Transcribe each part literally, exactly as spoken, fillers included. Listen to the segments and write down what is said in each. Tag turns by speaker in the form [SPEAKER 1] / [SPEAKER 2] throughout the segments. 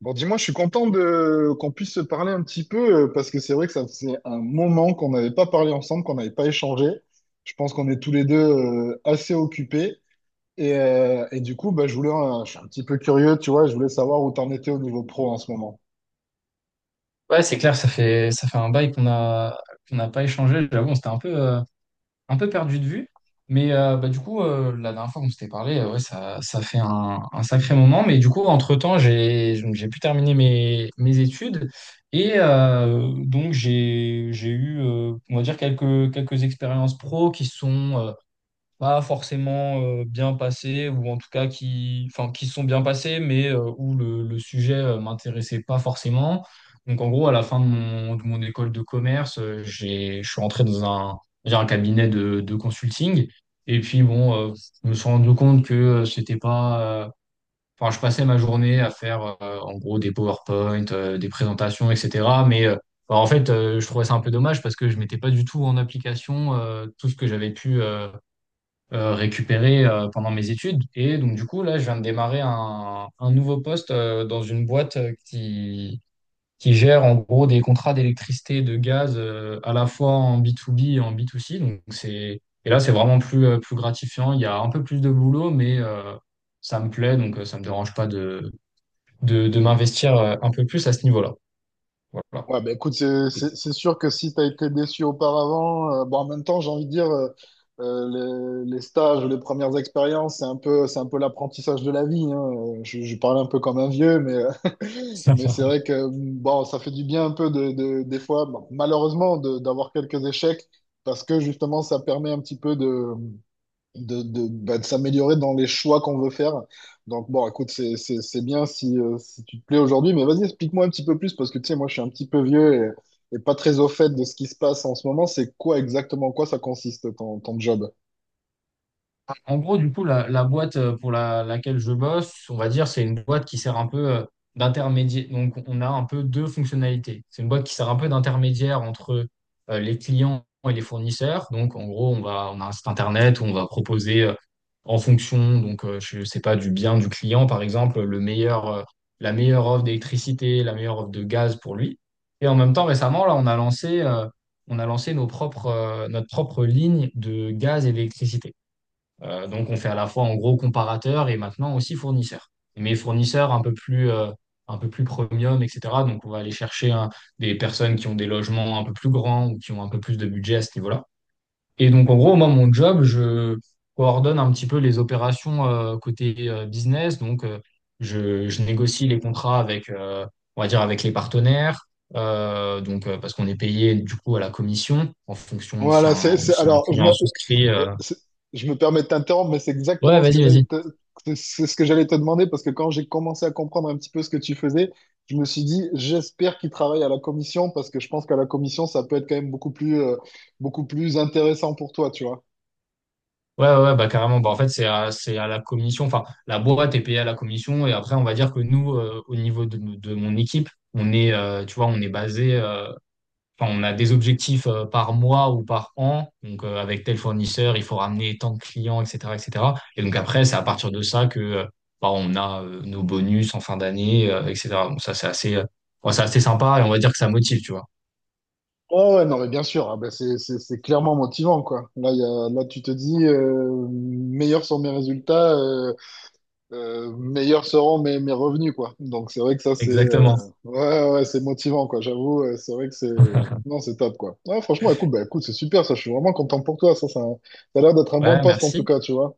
[SPEAKER 1] Bon, dis-moi, je suis content de qu'on puisse se parler un petit peu euh, parce que c'est vrai que ça faisait un moment qu'on n'avait pas parlé ensemble, qu'on n'avait pas échangé. Je pense qu'on est tous les deux euh, assez occupés et, euh, et du coup, bah, je voulais, euh, je suis un petit peu curieux, tu vois, je voulais savoir où t'en étais au niveau pro en ce moment.
[SPEAKER 2] Ouais, c'est clair, ça fait, ça fait un bail qu'on a, qu'on n'a pas échangé. J'avoue, on s'était un peu, euh, un peu perdu de vue. Mais euh, bah, du coup, euh, la dernière fois qu'on s'était parlé, euh, ouais, ça, ça fait un, un sacré moment. Mais du coup, entre-temps, j'ai, j'ai pu terminer mes, mes études. Et euh, donc, j'ai, j'ai eu, euh, on va dire, quelques, quelques expériences pro qui sont, euh, pas forcément euh, bien passées, ou en tout cas qui, enfin, qui sont bien passées, mais euh, où le, le sujet euh, m'intéressait pas forcément. Donc en gros, à la fin de mon, de mon école de commerce, euh, j'ai, je suis rentré dans un, j'ai un cabinet de, de consulting. Et puis bon, euh, je me suis rendu compte que euh, c'était pas, euh, Enfin, je passais ma journée à faire euh, en gros des PowerPoint, euh, des présentations, et cetera. Mais euh, bah, en fait, euh, je trouvais ça un peu dommage parce que je mettais pas du tout en application euh, tout ce que j'avais pu, euh, euh, récupéré euh, pendant mes études. Et donc, du coup, là, je viens de démarrer un, un nouveau poste euh, dans une boîte euh, qui, qui gère en gros des contrats d'électricité, de gaz euh, à la fois en B to B et en B to C. Donc, c'est, et là, c'est vraiment plus, euh, plus gratifiant. Il y a un peu plus de boulot, mais euh, ça me plaît. Donc, euh, ça me dérange pas de, de, de m'investir euh, un peu plus à ce niveau-là. Voilà.
[SPEAKER 1] Ouais, bah écoute, c'est c'est- c'est sûr que si tu as été déçu auparavant, euh, bon, en même temps, j'ai envie de dire, euh, euh, les, les stages, les premières expériences, c'est un peu, c'est un peu l'apprentissage de la vie, hein. Euh, Je, je parle un peu comme un vieux, mais, euh, mais c'est vrai que bon, ça fait du bien un peu de, de- des fois, bon, malheureusement, de- d'avoir quelques échecs parce que justement, ça permet un petit peu de, de, de, bah, de s'améliorer dans les choix qu'on veut faire. Donc, bon, écoute, c'est, c'est, c'est bien si, euh, si tu te plais aujourd'hui, mais vas-y, explique-moi un petit peu plus parce que, tu sais, moi, je suis un petit peu vieux et, et pas très au fait de ce qui se passe en ce moment. C'est quoi exactement, en quoi ça consiste ton, ton job?
[SPEAKER 2] En gros, du coup, la, la boîte euh, pour la- laquelle je bosse, on va dire, c'est une boîte qui sert un peu euh, d'intermédiaire. Donc, on a un peu deux fonctionnalités. C'est une boîte qui sert un peu d'intermédiaire entre euh, les clients et les fournisseurs. Donc, en gros, on va, on a un site internet où on va proposer euh, en fonction, donc, euh, je sais pas, du bien du client, par exemple, le meilleur, euh, la meilleure offre d'électricité, la meilleure offre de gaz pour lui. Et en même temps, récemment, là, on a lancé, euh, on a lancé nos propres, euh, notre propre ligne de gaz et d'électricité. Euh, donc, on fait à la fois en gros comparateur et maintenant aussi fournisseur. Mais fournisseur un peu plus, euh, un peu plus premium, et cetera. Donc, on va aller chercher, hein, des personnes qui ont des logements un peu plus grands ou qui ont un peu plus de budget à ce niveau-là. Et donc, en gros, moi, mon job, je coordonne un petit peu les opérations euh, côté euh, business. Donc, euh, je, je négocie les contrats avec, euh, on va dire, avec les partenaires. Euh, donc, euh, parce qu'on est payé du coup à la commission en fonction si
[SPEAKER 1] Voilà, c'est,
[SPEAKER 2] un,
[SPEAKER 1] c'est-
[SPEAKER 2] si un
[SPEAKER 1] alors, je me,
[SPEAKER 2] client souscrit.
[SPEAKER 1] euh,
[SPEAKER 2] euh.
[SPEAKER 1] c'est- je me permets de t'interrompre, mais c'est
[SPEAKER 2] Ouais,
[SPEAKER 1] exactement ce que
[SPEAKER 2] vas-y,
[SPEAKER 1] j'allais
[SPEAKER 2] vas-y.
[SPEAKER 1] te, c'est ce que j'allais te demander, parce que quand j'ai commencé à comprendre un petit peu ce que tu faisais, je me suis dit, j'espère qu'il travaille à la commission, parce que je pense qu'à la commission, ça peut être quand même beaucoup plus, euh, beaucoup plus intéressant pour toi, tu vois.
[SPEAKER 2] Ouais, ouais, ouais, bah, carrément. Bah, en fait, c'est à, c'est à la commission. Enfin, la boîte est payée à la commission. Et après, on va dire que nous, euh, au niveau de, de mon équipe, on est, euh, tu vois, on est basé. euh, Enfin, on a des objectifs euh, par mois ou par an. Donc, euh, avec tel fournisseur, il faut ramener tant de clients, et cetera, et cetera. Et cetera. Et donc après, c'est à partir de ça que euh, bah, on a euh, nos bonus en fin d'année, euh, et cetera. Donc ça, c'est assez, euh, ouais, c'est assez sympa et on va dire que ça motive, tu vois.
[SPEAKER 1] Oh ouais, non, mais bien sûr, ah ben c'est c'est- c'est clairement motivant, quoi. Là, il y a, là tu te dis, euh, meilleurs sont mes résultats, euh, meilleurs seront mes, mes revenus, quoi. Donc c'est vrai que ça, c'est euh,
[SPEAKER 2] Exactement.
[SPEAKER 1] ouais, ouais, c'est motivant, quoi. J'avoue, euh, c'est vrai que c'est... Non, c'est top, quoi. Ouais, franchement, écoute, bah, écoute, c'est super, ça. Je suis vraiment content pour toi, ça. Ça, ça a l'air d'être un bon
[SPEAKER 2] Ouais,
[SPEAKER 1] poste, en tout
[SPEAKER 2] merci.
[SPEAKER 1] cas, tu vois.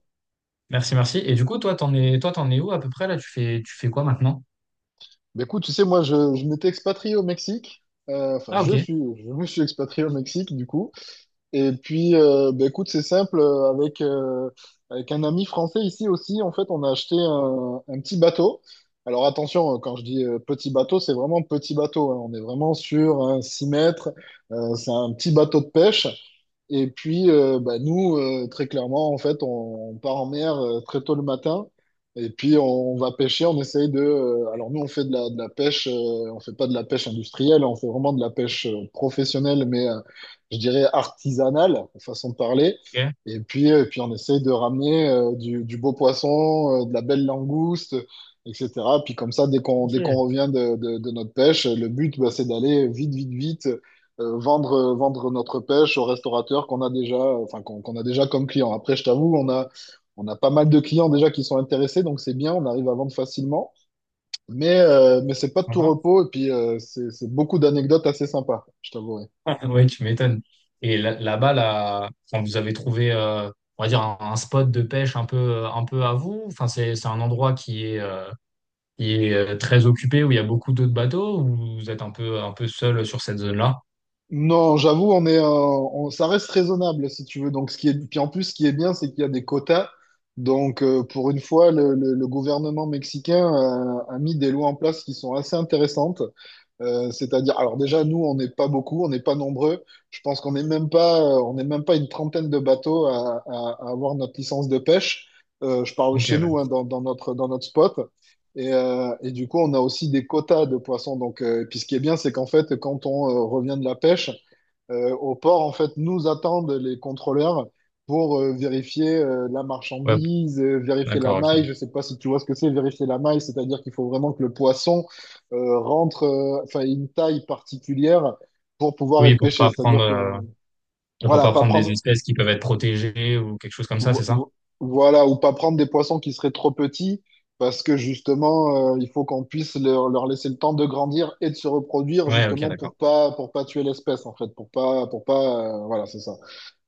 [SPEAKER 2] Merci, merci. Et du coup, toi, t'en es, toi, t'en es où à peu près là? Tu fais, tu fais quoi maintenant?
[SPEAKER 1] Mais écoute, tu sais, moi, je, je m'étais expatrié au Mexique. Euh, Enfin,
[SPEAKER 2] Ah,
[SPEAKER 1] je
[SPEAKER 2] ok,
[SPEAKER 1] suis, je me suis expatrié au Mexique, du coup. Et puis, euh, bah, écoute, c'est simple, euh, avec, euh, avec un ami français ici aussi, en fait, on a acheté un, un petit bateau. Alors attention, euh, quand je dis euh, petit bateau, c'est vraiment petit bateau, hein. On est vraiment sur un six mètres. Euh, c'est un petit bateau de pêche. Et puis, euh, bah, nous, euh, très clairement, en fait, on, on part en mer euh, très tôt le matin. Et puis, on, on va pêcher. On essaye de, euh, alors, nous, on fait de la, de la pêche. Euh, on fait pas de la pêche industrielle. On fait vraiment de la pêche euh, professionnelle, mais euh, je dirais artisanale, façon de parler.
[SPEAKER 2] ok,
[SPEAKER 1] Et puis, et puis on essaye de ramener euh, du, du beau poisson, euh, de la belle langouste, et cetera. Puis, comme ça, dès qu'on dès qu'on
[SPEAKER 2] ok,
[SPEAKER 1] revient de, de, de notre pêche, le but, bah, c'est d'aller vite, vite, vite euh, vendre, euh, vendre notre pêche aux restaurateurs qu'on a déjà, euh, enfin, qu'on qu'on a déjà comme clients. Après, je t'avoue, on a, on a pas mal de clients déjà qui sont intéressés, donc c'est bien, on arrive à vendre facilement. Mais, euh, mais c'est pas de tout
[SPEAKER 2] sympa.
[SPEAKER 1] repos, et puis euh, c'est c'est beaucoup d'anecdotes assez sympas, je t'avouerai.
[SPEAKER 2] Ouais, tu m'étonnes. Et là- là-bas, là, quand vous avez trouvé, euh, on va dire, un, un spot de pêche un peu, euh, un peu à vous, enfin, c'est, c'est un endroit qui est, euh, qui est euh, très occupé, où il y a beaucoup d'autres bateaux, ou vous êtes un peu, un peu seul sur cette zone-là?
[SPEAKER 1] Non, j'avoue, on est, euh, on- ça reste raisonnable si tu veux. Donc, ce qui est, puis en plus, ce qui est bien, c'est qu'il y a des quotas. Donc, euh, pour une fois, le, le- le gouvernement mexicain a, a mis des lois en place qui sont assez intéressantes. Euh, c'est-à-dire, alors déjà, nous, on n'est pas beaucoup, on n'est pas nombreux. Je pense qu'on n'est même pas, euh, on n'est même pas une trentaine de bateaux à, à- à avoir notre licence de pêche. Euh, je parle
[SPEAKER 2] Ok,
[SPEAKER 1] chez nous,
[SPEAKER 2] ouais.
[SPEAKER 1] hein, dans, dans notre, dans notre spot. Et, euh, et du coup, on a aussi des quotas de poissons. Donc, euh, et puis ce qui est bien, c'est qu'en fait, quand on euh, revient de la pêche, euh, au port, en fait, nous attendent les contrôleurs pour euh, vérifier euh, la
[SPEAKER 2] Ouais,
[SPEAKER 1] marchandise, euh, vérifier la
[SPEAKER 2] d'accord, ok.
[SPEAKER 1] maille. Je sais pas si tu vois ce que c'est, vérifier la maille, c'est-à-dire qu'il faut vraiment que le poisson euh, rentre, euh, enfin, ait une taille particulière pour pouvoir
[SPEAKER 2] Oui,
[SPEAKER 1] être
[SPEAKER 2] pour
[SPEAKER 1] pêché.
[SPEAKER 2] pas prendre,
[SPEAKER 1] C'est-à-dire que,
[SPEAKER 2] euh, pour
[SPEAKER 1] voilà,
[SPEAKER 2] pas
[SPEAKER 1] pas
[SPEAKER 2] prendre des
[SPEAKER 1] prendre,
[SPEAKER 2] espèces qui peuvent être protégées ou quelque chose comme ça, c'est
[SPEAKER 1] vo-
[SPEAKER 2] ça?
[SPEAKER 1] vo- voilà, ou pas prendre des poissons qui seraient trop petits. Parce que justement, euh, il faut qu'on puisse leur, leur laisser le temps de grandir et de se reproduire,
[SPEAKER 2] Ouais, ok,
[SPEAKER 1] justement
[SPEAKER 2] d'accord.
[SPEAKER 1] pour pas pour pas tuer l'espèce en fait, pour pas pour pas euh, voilà c'est ça.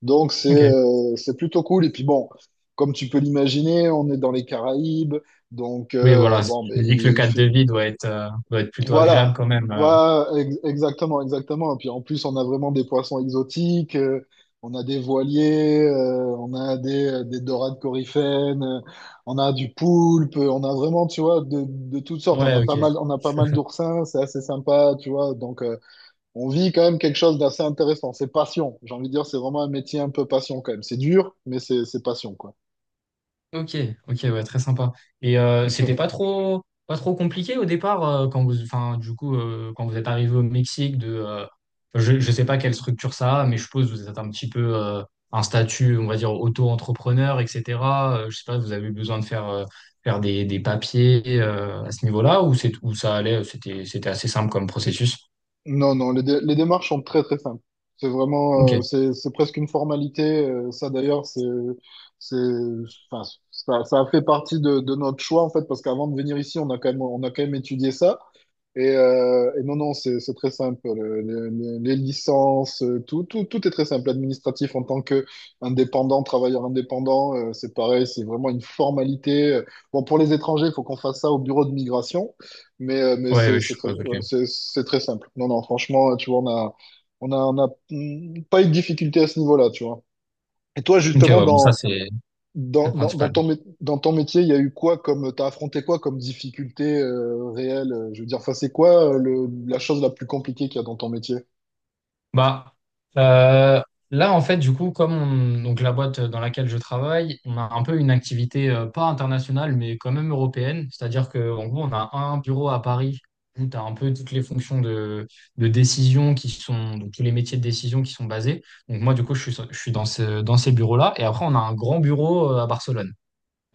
[SPEAKER 1] Donc c'est
[SPEAKER 2] Ok.
[SPEAKER 1] euh, c'est plutôt cool. Et puis bon, comme tu peux l'imaginer, on est dans les Caraïbes. Donc
[SPEAKER 2] Oui,
[SPEAKER 1] euh,
[SPEAKER 2] voilà.
[SPEAKER 1] bon, ben,
[SPEAKER 2] Je me dis que le
[SPEAKER 1] il
[SPEAKER 2] cadre de
[SPEAKER 1] fait-
[SPEAKER 2] vie doit être, euh, doit être, plutôt agréable
[SPEAKER 1] voilà,
[SPEAKER 2] quand même. euh.
[SPEAKER 1] voilà, ex- exactement, exactement. Et puis en plus, on a vraiment des poissons exotiques. Euh, on a des voiliers, euh, on a des, des dorades coryphènes, euh, on a du poulpe, on a vraiment, tu vois, de, de toutes sortes. On
[SPEAKER 2] Ouais,
[SPEAKER 1] a pas
[SPEAKER 2] ok.
[SPEAKER 1] mal, on a pas mal d'oursins, c'est assez sympa, tu vois. Donc, euh, on vit quand même quelque chose d'assez intéressant. C'est passion. J'ai envie de dire, c'est vraiment un métier un peu passion quand même. C'est dur, mais c'est c'est passion, quoi.
[SPEAKER 2] Ok, ok, ouais, très sympa. Et euh, c'était pas trop, pas trop compliqué au départ euh, quand vous, enfin, du coup, euh, quand vous êtes arrivé au Mexique, de, euh, je, je sais pas quelle structure ça a, mais je suppose que vous êtes un petit peu euh, un statut, on va dire, auto-entrepreneur, et cetera. Euh, je sais pas, vous avez eu besoin de faire, euh, faire des, des papiers euh, à ce niveau-là ou c'est, où ça allait, euh, c'était, c'était assez simple comme processus.
[SPEAKER 1] Non, non, les, dé- les démarches sont très, très simples. C'est
[SPEAKER 2] Ok,
[SPEAKER 1] vraiment, euh,
[SPEAKER 2] ouais,
[SPEAKER 1] c'est c'est presque une formalité. Euh, ça, d'ailleurs, c'est, c'est, enfin, ça, ça a fait partie de, de notre choix, en fait, parce qu'avant de venir ici, on a quand même, on a quand même étudié ça. Et, euh, et non, non, c'est c'est très simple. Le- le- le- les licences, euh, tout, tout, tout est très simple. Administratif en tant que indépendant, travailleur indépendant, euh, c'est pareil, c'est vraiment une formalité. Bon, pour les étrangers, il faut qu'on fasse ça au bureau de migration, mais, euh, mais c'est
[SPEAKER 2] ouais, je
[SPEAKER 1] c'est très,
[SPEAKER 2] suppose,
[SPEAKER 1] euh,
[SPEAKER 2] ok.
[SPEAKER 1] c'est c'est très simple. Non, non, franchement, tu vois, on a, on a, on a mm, pas eu de difficulté à ce niveau-là, tu vois. Et toi,
[SPEAKER 2] Ok, ouais,
[SPEAKER 1] justement,
[SPEAKER 2] bon, ça
[SPEAKER 1] dans,
[SPEAKER 2] c'est. C'est
[SPEAKER 1] dans,
[SPEAKER 2] le
[SPEAKER 1] dans, dans
[SPEAKER 2] principal.
[SPEAKER 1] ton, mé- dans ton métier, il y a eu quoi comme, t'as affronté quoi comme difficulté euh, réelle? euh, Je veux dire, enfin, c'est quoi euh, le, la chose la plus compliquée qu'il y a dans ton métier?
[SPEAKER 2] Bah, euh, là, en fait, du coup, comme on- donc la boîte dans laquelle je travaille, on a un peu une activité euh, pas internationale, mais quand même européenne. C'est-à-dire qu'en gros, on a un bureau à Paris où tu as un peu toutes les fonctions de, de décision qui sont, donc tous les métiers de décision qui sont basés. Donc moi, du coup, je suis, je suis dans ce, dans ces bureaux-là. Et après, on a un grand bureau euh, à Barcelone.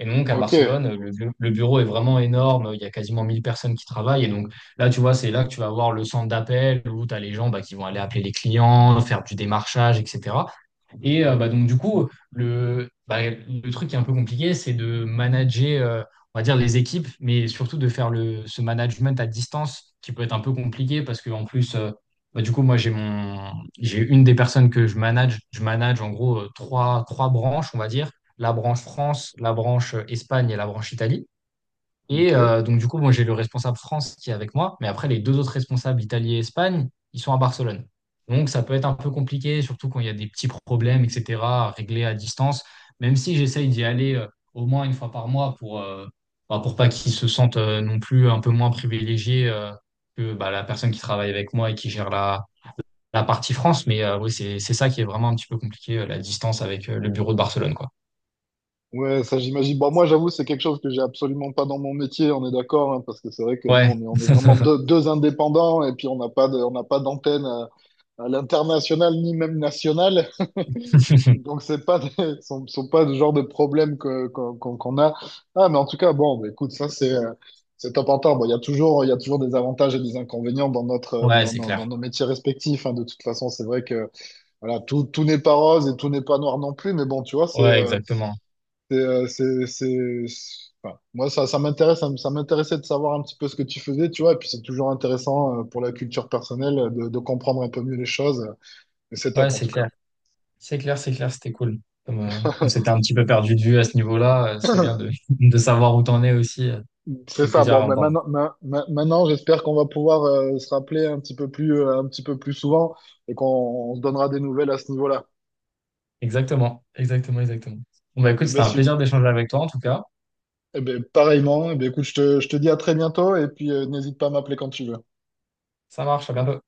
[SPEAKER 2] Et donc, à
[SPEAKER 1] Ok,
[SPEAKER 2] Barcelone, le, bu- le bureau est vraiment énorme. Il y a quasiment mille personnes qui travaillent. Et donc, là, tu vois, c'est là que tu vas avoir le centre d'appel où tu as les gens, bah, qui vont aller appeler les clients, faire du démarchage, et cetera. Et euh, bah, donc, du coup, le, bah, le truc qui est un peu compliqué, c'est de manager, euh, on va dire, les équipes, mais surtout de faire le, ce management à distance qui peut être un peu compliqué parce qu'en plus, euh, bah, du coup, moi, j'ai mon, j'ai une des personnes que je manage. Je manage en gros euh, trois, trois branches, on va dire, la branche France, la branche euh, Espagne et la branche Italie. Et
[SPEAKER 1] ok.
[SPEAKER 2] euh, donc, du coup, bon, j'ai le responsable France qui est avec moi, mais après, les deux autres responsables, Italie et Espagne, ils sont à Barcelone. Donc, ça peut être un peu compliqué, surtout quand il y a des petits problèmes, et cetera, à régler à distance, même si j'essaye d'y aller euh, au moins une fois par mois pour, euh, bah, pour pas qu'ils se sentent euh, non plus un peu moins privilégiés euh, que, bah, la personne qui travaille avec moi et qui gère la, la partie France. Mais euh, oui, c'est, c'est ça qui est vraiment un petit peu compliqué, euh, la distance avec euh, le bureau de Barcelone, quoi.
[SPEAKER 1] Ouais, ça j'imagine. Bon, moi, j'avoue, c'est quelque chose que j'ai absolument pas dans mon métier, on est d'accord, hein, parce que c'est vrai que nous,
[SPEAKER 2] Ouais,
[SPEAKER 1] on est, on est vraiment deux, deux indépendants et puis on n'a pas de, on n'a pas d'antenne. euh, à l'international ni même national. Donc, c'est pas des- sont, sont pas le genre de problème que, qu'on, qu'on qu'on a. Ah, mais en tout cas, bon, bah, écoute, ça, c'est, euh, c'est top en top. Bon, il y a toujours, il y a toujours des avantages et des inconvénients dans notre, euh,
[SPEAKER 2] ouais,
[SPEAKER 1] dans,
[SPEAKER 2] c'est
[SPEAKER 1] nos
[SPEAKER 2] clair.
[SPEAKER 1] dans nos métiers respectifs, hein. De toute façon, c'est vrai que, voilà, tout, tout n'est pas rose et tout n'est pas noir non plus. Mais bon, tu vois, c'est,
[SPEAKER 2] Ouais,
[SPEAKER 1] euh,
[SPEAKER 2] exactement.
[SPEAKER 1] c'est, euh, c'est, c'est- c'est- enfin, moi, ça, ça m'intéresse, ça, m- ça m'intéressait de savoir un petit peu ce que tu faisais, tu vois. Et puis, c'est toujours intéressant, euh, pour la culture personnelle euh, de, de comprendre un peu mieux les choses. C'est
[SPEAKER 2] Ouais,
[SPEAKER 1] top en
[SPEAKER 2] c'est
[SPEAKER 1] tout cas.
[SPEAKER 2] clair. C'est clair, c'est clair, c'était cool. Comme, euh, on s'était un petit peu perdu de vue à ce niveau-là, euh, c'est bien de, de savoir où t'en es aussi. Euh, ça
[SPEAKER 1] C'est
[SPEAKER 2] fait
[SPEAKER 1] ça.
[SPEAKER 2] plaisir
[SPEAKER 1] Bon,
[SPEAKER 2] à
[SPEAKER 1] mais
[SPEAKER 2] entendre.
[SPEAKER 1] maintenant, ma- ma- maintenant, j'espère qu'on va pouvoir euh, se rappeler un petit peu plus, euh, un petit peu plus souvent et qu'on on se donnera des nouvelles à ce niveau-là.
[SPEAKER 2] Exactement, exactement, exactement. Bon, bah, écoute,
[SPEAKER 1] Eh
[SPEAKER 2] c'était
[SPEAKER 1] ben,
[SPEAKER 2] un
[SPEAKER 1] su-
[SPEAKER 2] plaisir d'échanger avec toi en tout cas.
[SPEAKER 1] eh ben, pareillement. Eh ben, écoute, je te, je te dis à très bientôt et puis euh, n'hésite pas à m'appeler quand tu veux.
[SPEAKER 2] Ça marche, à bientôt.